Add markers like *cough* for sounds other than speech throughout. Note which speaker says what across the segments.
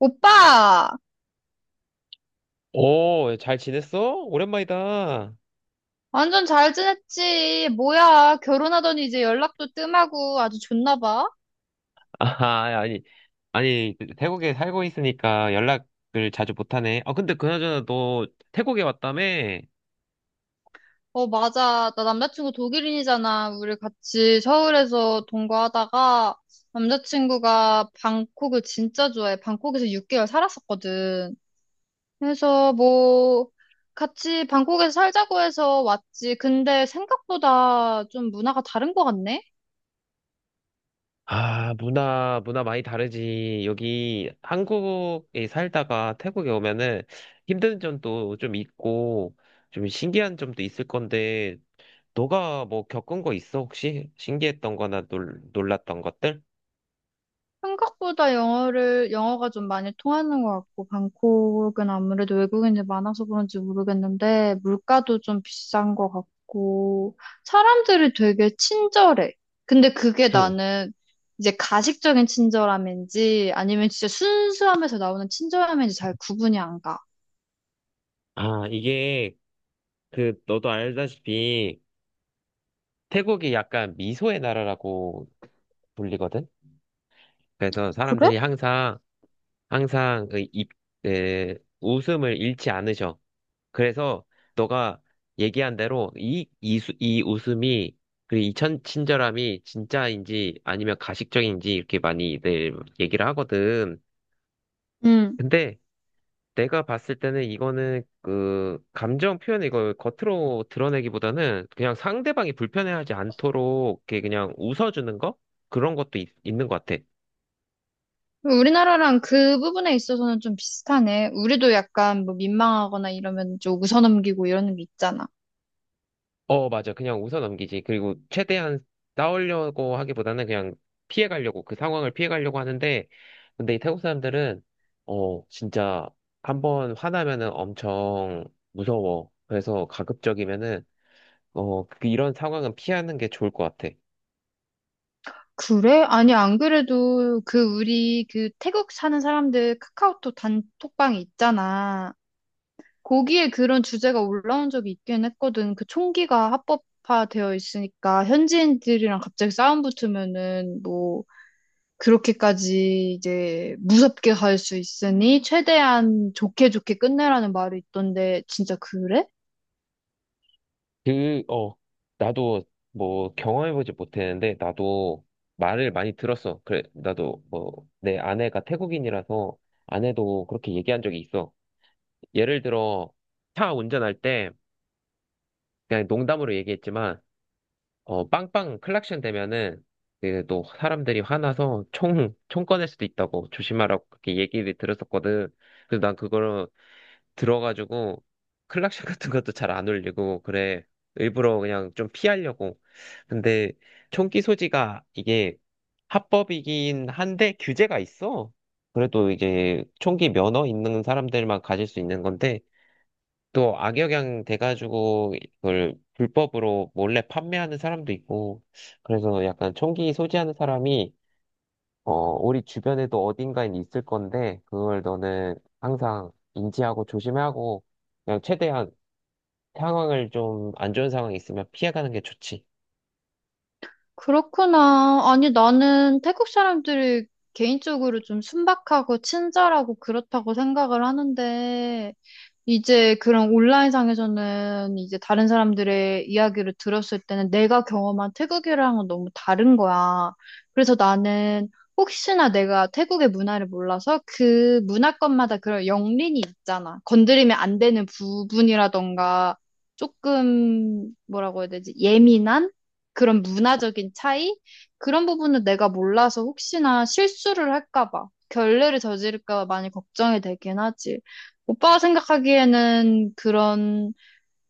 Speaker 1: 오빠,
Speaker 2: 오, 잘 지냈어? 오랜만이다.
Speaker 1: 완전 잘 지냈지? 뭐야, 결혼하더니 이제 연락도 뜸하고 아주 좋나 봐?
Speaker 2: 아, 아니, 아니, 태국에 살고 있으니까 연락을 자주 못하네. 아, 근데 그나저나 너 태국에 왔다며?
Speaker 1: 어, 맞아. 나 남자친구 독일인이잖아. 우리 같이 서울에서 동거하다가 남자친구가 방콕을 진짜 좋아해. 방콕에서 6개월 살았었거든. 그래서 뭐, 같이 방콕에서 살자고 해서 왔지. 근데 생각보다 좀 문화가 다른 것 같네?
Speaker 2: 아, 문화 많이 다르지. 여기 한국에 살다가 태국에 오면은 힘든 점도 좀 있고, 좀 신기한 점도 있을 건데, 너가 뭐 겪은 거 있어, 혹시? 신기했던 거나 놀랐던 것들?
Speaker 1: 생각보다 영어가 좀 많이 통하는 것 같고, 방콕은 아무래도 외국인이 많아서 그런지 모르겠는데, 물가도 좀 비싼 것 같고, 사람들이 되게 친절해. 근데 그게
Speaker 2: 응.
Speaker 1: 나는 이제 가식적인 친절함인지, 아니면 진짜 순수함에서 나오는 친절함인지 잘 구분이 안 가.
Speaker 2: 아, 이게, 너도 알다시피, 태국이 약간 미소의 나라라고 불리거든. 그래서
Speaker 1: 그래?
Speaker 2: 사람들이 항상 웃음을 잃지 않으셔. 그래서 너가 얘기한 대로 이 웃음이 그 친절함이 진짜인지 아니면 가식적인지 이렇게 많이들 얘기를 하거든.
Speaker 1: 음.
Speaker 2: 근데 내가 봤을 때는 이거는 그 감정 표현 이걸 겉으로 드러내기보다는 그냥 상대방이 불편해하지 않도록 이렇게 그냥 웃어주는 거 그런 것도 는것 같아.
Speaker 1: 우리나라랑 그 부분에 있어서는 좀 비슷하네. 우리도 약간 뭐 민망하거나 이러면 좀 웃어넘기고 이러는 게 있잖아.
Speaker 2: 어, 맞아. 그냥 웃어 넘기지. 그리고 최대한 싸우려고 하기보다는 그냥 피해가려고 그 상황을 피해가려고 하는데 근데 이 태국 사람들은 진짜 한번 화나면은 엄청 무서워. 그래서 가급적이면은 이런 상황은 피하는 게 좋을 것 같아.
Speaker 1: 그래? 아니, 안 그래도 그 우리 그 태국 사는 사람들 카카오톡 단톡방 있잖아. 거기에 그런 주제가 올라온 적이 있긴 했거든. 그 총기가 합법화되어 있으니까 현지인들이랑 갑자기 싸움 붙으면은 뭐 그렇게까지 이제 무섭게 갈 수 있으니 최대한 좋게 좋게 끝내라는 말이 있던데 진짜 그래?
Speaker 2: 그, 어, 나도 뭐 경험해보지 못했는데, 나도 말을 많이 들었어. 그래, 나도 뭐, 내 아내가 태국인이라서 아내도 그렇게 얘기한 적이 있어. 예를 들어, 차 운전할 때, 그냥 농담으로 얘기했지만, 어, 빵빵 클락션 되면은 그 또 사람들이 화나서 총 꺼낼 수도 있다고 조심하라고 그렇게 얘기를 들었었거든. 그래서 난 그걸 들어가지고 클락션 *laughs* 같은 것도 잘 안 울리고 그래. 일부러 그냥 좀 피하려고. 근데 총기 소지가 이게 합법이긴 한데 규제가 있어. 그래도 이제 총기 면허 있는 사람들만 가질 수 있는 건데 또 악영향 돼가지고 그걸 불법으로 몰래 판매하는 사람도 있고 그래서 약간 총기 소지하는 사람이 어 우리 주변에도 어딘가에 있을 건데 그걸 너는 항상 인지하고 조심해야 하고 그냥 최대한 상황을 좀 안 좋은 상황이 있으면 피해가는 게 좋지.
Speaker 1: 그렇구나. 아니, 나는 태국 사람들이 개인적으로 좀 순박하고 친절하고 그렇다고 생각을 하는데, 이제 그런 온라인상에서는 이제 다른 사람들의 이야기를 들었을 때는 내가 경험한 태국이랑은 너무 다른 거야. 그래서 나는 혹시나 내가 태국의 문화를 몰라서 그 문화권마다 그런 영린이 있잖아. 건드리면 안 되는 부분이라던가 조금 뭐라고 해야 되지? 예민한 그런 문화적인 차이? 그런 부분은 내가 몰라서 혹시나 실수를 할까 봐, 결례를 저지를까 봐 많이 걱정이 되긴 하지. 오빠가 생각하기에는 그런,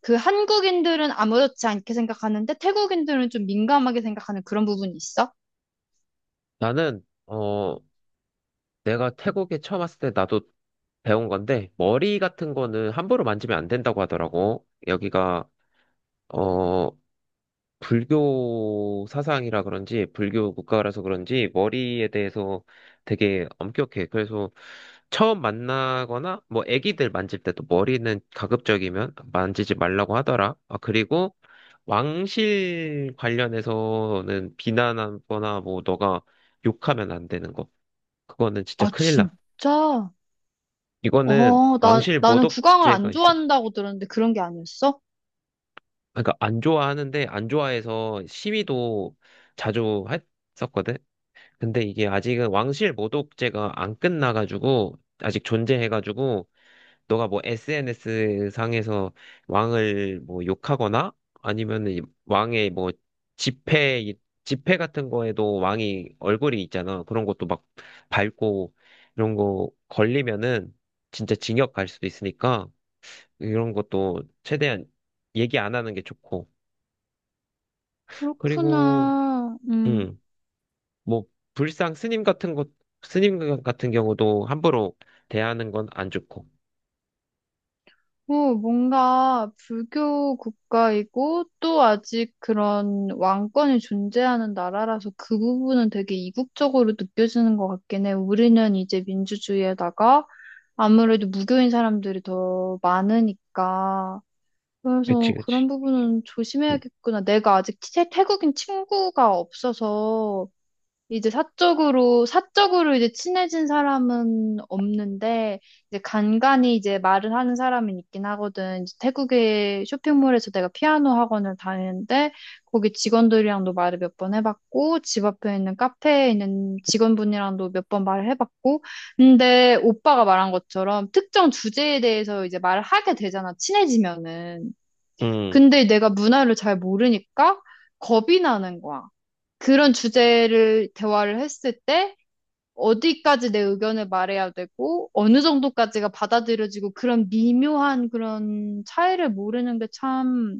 Speaker 1: 그 한국인들은 아무렇지 않게 생각하는데 태국인들은 좀 민감하게 생각하는 그런 부분이 있어?
Speaker 2: 나는 내가 태국에 처음 왔을 때 나도 배운 건데 머리 같은 거는 함부로 만지면 안 된다고 하더라고. 여기가 어, 불교 사상이라 그런지, 불교 국가라서 그런지, 머리에 대해서 되게 엄격해. 그래서 처음 만나거나, 뭐, 애기들 만질 때도 머리는 가급적이면 만지지 말라고 하더라. 아, 그리고 왕실 관련해서는 비난하거나, 뭐, 너가 욕하면 안 되는 거. 그거는 진짜
Speaker 1: 아,
Speaker 2: 큰일 나.
Speaker 1: 진짜?
Speaker 2: 이거는
Speaker 1: 어,
Speaker 2: 왕실
Speaker 1: 나는 국왕을
Speaker 2: 모독죄가
Speaker 1: 안
Speaker 2: 있어.
Speaker 1: 좋아한다고 들었는데 그런 게 아니었어?
Speaker 2: 그러니까 안 좋아하는데, 안 좋아해서 시위도 자주 했었거든. 근데 이게 아직은 왕실 모독죄가 안 끝나가지고 아직 존재해가지고 너가 뭐 SNS 상에서 왕을 뭐 욕하거나 아니면은 이 왕의 뭐 지폐 이- 지폐 같은 거에도 왕이 얼굴이 있잖아. 그런 것도 막 밟고 이런 거 걸리면은 진짜 징역 갈 수도 있으니까 이런 것도 최대한 얘기 안 하는 게 좋고 그리고
Speaker 1: 그렇구나. 음.
Speaker 2: 음. 뭐 불상 스님 같은 것 스님 같은 경우도 함부로 대하는 건 안 좋고.
Speaker 1: 어, 뭔가 불교 국가이고 또 아직 그런 왕권이 존재하는 나라라서 그 부분은 되게 이국적으로 느껴지는 것 같긴 해. 우리는 이제 민주주의에다가 아무래도 무교인 사람들이 더 많으니까.
Speaker 2: 그치,
Speaker 1: 그래서
Speaker 2: 그치.
Speaker 1: 그런 부분은 조심해야겠구나. 내가 아직 태국인 친구가 없어서 이제 사적으로 이제 친해진 사람은 없는데, 이제 간간이 이제 말을 하는 사람은 있긴 하거든. 이제 태국의 쇼핑몰에서 내가 피아노 학원을 다니는데, 거기 직원들이랑도 말을 몇 번 해봤고, 집 앞에 있는 카페에 있는 직원분이랑도 몇 번 말을 해봤고, 근데 오빠가 말한 것처럼 특정 주제에 대해서 이제 말을 하게 되잖아, 친해지면은.
Speaker 2: 음,
Speaker 1: 근데 내가 문화를 잘 모르니까 겁이 나는 거야. 그런 주제를 대화를 했을 때 어디까지 내 의견을 말해야 되고 어느 정도까지가 받아들여지고 그런 미묘한 그런 차이를 모르는 게 참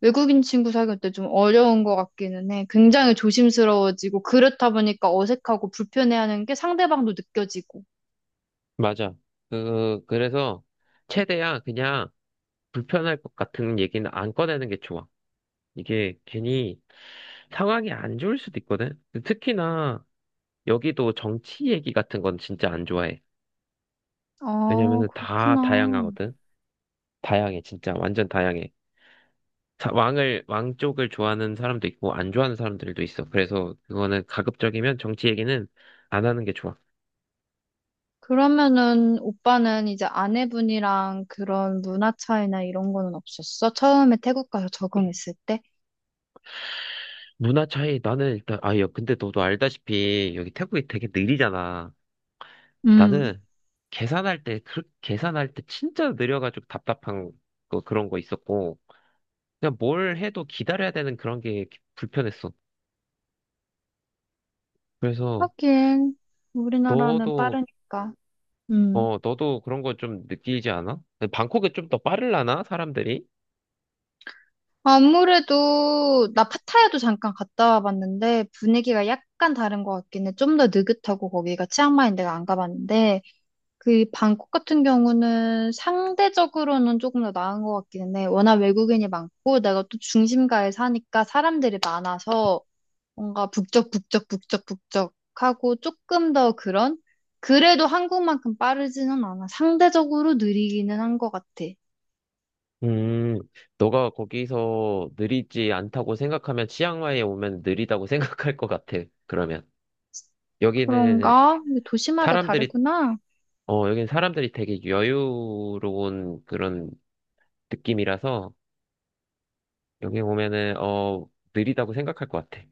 Speaker 1: 외국인 친구 사귈 때 좀 어려운 것 같기는 해. 굉장히 조심스러워지고 그렇다 보니까 어색하고 불편해하는 게 상대방도 느껴지고.
Speaker 2: 맞아. 그래서 최대한 그냥 불편할 것 같은 얘기는 안 꺼내는 게 좋아. 이게 괜히 상황이 안 좋을 수도 있거든. 특히나 여기도 정치 얘기 같은 건 진짜 안 좋아해.
Speaker 1: 아,
Speaker 2: 왜냐면 다
Speaker 1: 그렇구나.
Speaker 2: 다양하거든. 다양해, 진짜. 완전 다양해. 왕 쪽을 좋아하는 사람도 있고, 안 좋아하는 사람들도 있어. 그래서 그거는 가급적이면 정치 얘기는 안 하는 게 좋아.
Speaker 1: 그러면은 오빠는 이제 아내분이랑 그런 문화 차이나 이런 거는 없었어? 처음에 태국 가서 적응했을 때?
Speaker 2: 문화 차이, 나는 일단, 아, 야, 근데 너도 알다시피 여기 태국이 되게 느리잖아.
Speaker 1: 음.
Speaker 2: 나는 계산할 때 진짜 느려가지고 답답한 거, 그런 거 있었고, 그냥 뭘 해도 기다려야 되는 그런 게 불편했어. 그래서
Speaker 1: 하긴, 우리나라는
Speaker 2: 너도,
Speaker 1: 빠르니까. 음.
Speaker 2: 어, 너도 그런 거 좀 느끼지 않아? 방콕은 좀 더 빠르려나? 사람들이?
Speaker 1: 아무래도 나 파타야도 잠깐 갔다 와봤는데 분위기가 약간 다른 것 같긴 해. 좀 더 느긋하고 거기가 치앙마이 내가 안 가봤는데 그 방콕 같은 경우는 상대적으로는 조금 더 나은 것 같긴 해. 워낙 외국인이 많고 내가 또 중심가에 사니까 사람들이 많아서 뭔가 북적북적북적북적 하고 조금 더 그런 그래도 한국만큼 빠르지는 않아. 상대적으로 느리기는 한 것 같아.
Speaker 2: 음, 너가 거기서 느리지 않다고 생각하면 치앙마이에 오면 느리다고 *laughs* 생각할 것 같아. 그러면 여기는
Speaker 1: 그런가? 근데 도시마다
Speaker 2: 사람들이
Speaker 1: 다르구나.
Speaker 2: 어 여기는 사람들이 되게 여유로운 그런 느낌이라서 여기 오면은 어 느리다고 생각할 것 같아.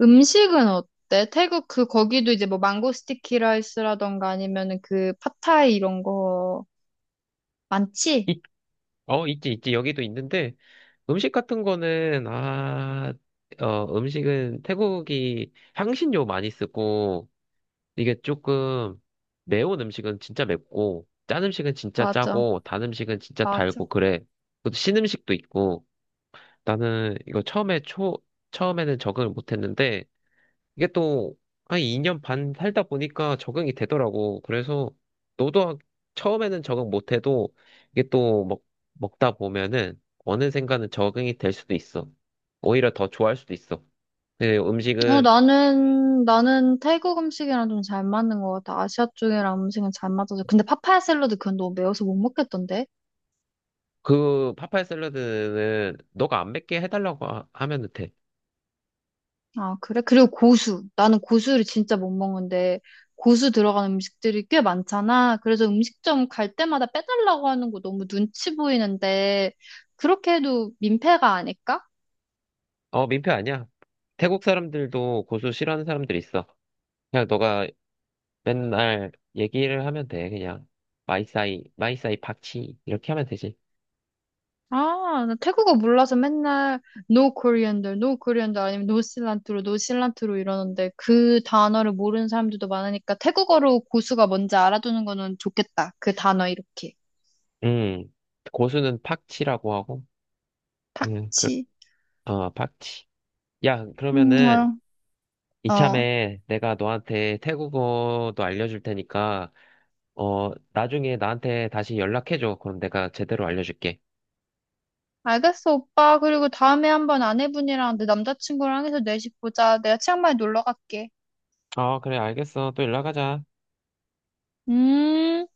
Speaker 1: 음식은 어때? 태국 그 거기도 이제 뭐 망고 스티키 라이스라던가 아니면은 그 팟타이 이런 거 많지?
Speaker 2: 있, 어 있지 여기도 있는데 음식 같은 거는 아 어 음식은 태국이 향신료 많이 쓰고 이게 조금 매운 음식은 진짜 맵고 짠 음식은 진짜
Speaker 1: 맞아.
Speaker 2: 짜고 단 음식은 진짜
Speaker 1: 맞아.
Speaker 2: 달고 그래. 그것도 신 음식도 있고 나는 이거 처음에 초 처음에는 적응을 못했는데 이게 또 한 2년 반 살다 보니까 적응이 되더라고. 그래서 너도 하- 처음에는 적응 못해도 이게 또 먹다 보면은 어느 순간은 적응이 될 수도 있어. 오히려 더 좋아할 수도 있어. 근데
Speaker 1: 어,
Speaker 2: 음식은
Speaker 1: 나는 태국 음식이랑 좀 잘 맞는 것 같아. 아시아 쪽이랑 음식은 잘 맞아서. 근데 파파야 샐러드 그건 너무 매워서 못 먹겠던데?
Speaker 2: 그 파파야 샐러드는 너가 안 맵게 하면 돼.
Speaker 1: 아, 그래? 그리고 고수. 나는 고수를 진짜 못 먹는데, 고수 들어간 음식들이 꽤 많잖아. 그래서 음식점 갈 때마다 빼달라고 하는 거 너무 눈치 보이는데, 그렇게 해도 민폐가 아닐까?
Speaker 2: 어, 민폐 아니야. 태국 사람들도 고수 싫어하는 사람들 있어. 그냥 너가 맨날 얘기를 하면 돼. 그냥 마이사이 팍치 이렇게 하면 되지.
Speaker 1: 아, 나 태국어 몰라서 맨날 no coriander, no coriander 아니면 no cilantro, no cilantro 이러는데 그 단어를 모르는 사람들도 많으니까 태국어로 고수가 뭔지 알아두는 거는 좋겠다. 그 단어 이렇게.
Speaker 2: 음, 고수는 팍치라고 하고 그냥 그,
Speaker 1: 팍치.
Speaker 2: 팍치. 야, 그러면은
Speaker 1: 어. 어.
Speaker 2: 이참에 내가 너한테 태국어도 알려줄 테니까 어, 나중에 나한테 다시 연락해줘. 그럼 내가 제대로 알려줄게.
Speaker 1: 알겠어, 오빠. 그리고 다음에 한번 아내분이랑 내 남자친구랑 해서 내집 보자. 내가 치앙마이 놀러 갈게.
Speaker 2: 아, 그래, 알겠어. 또 연락하자.
Speaker 1: 음.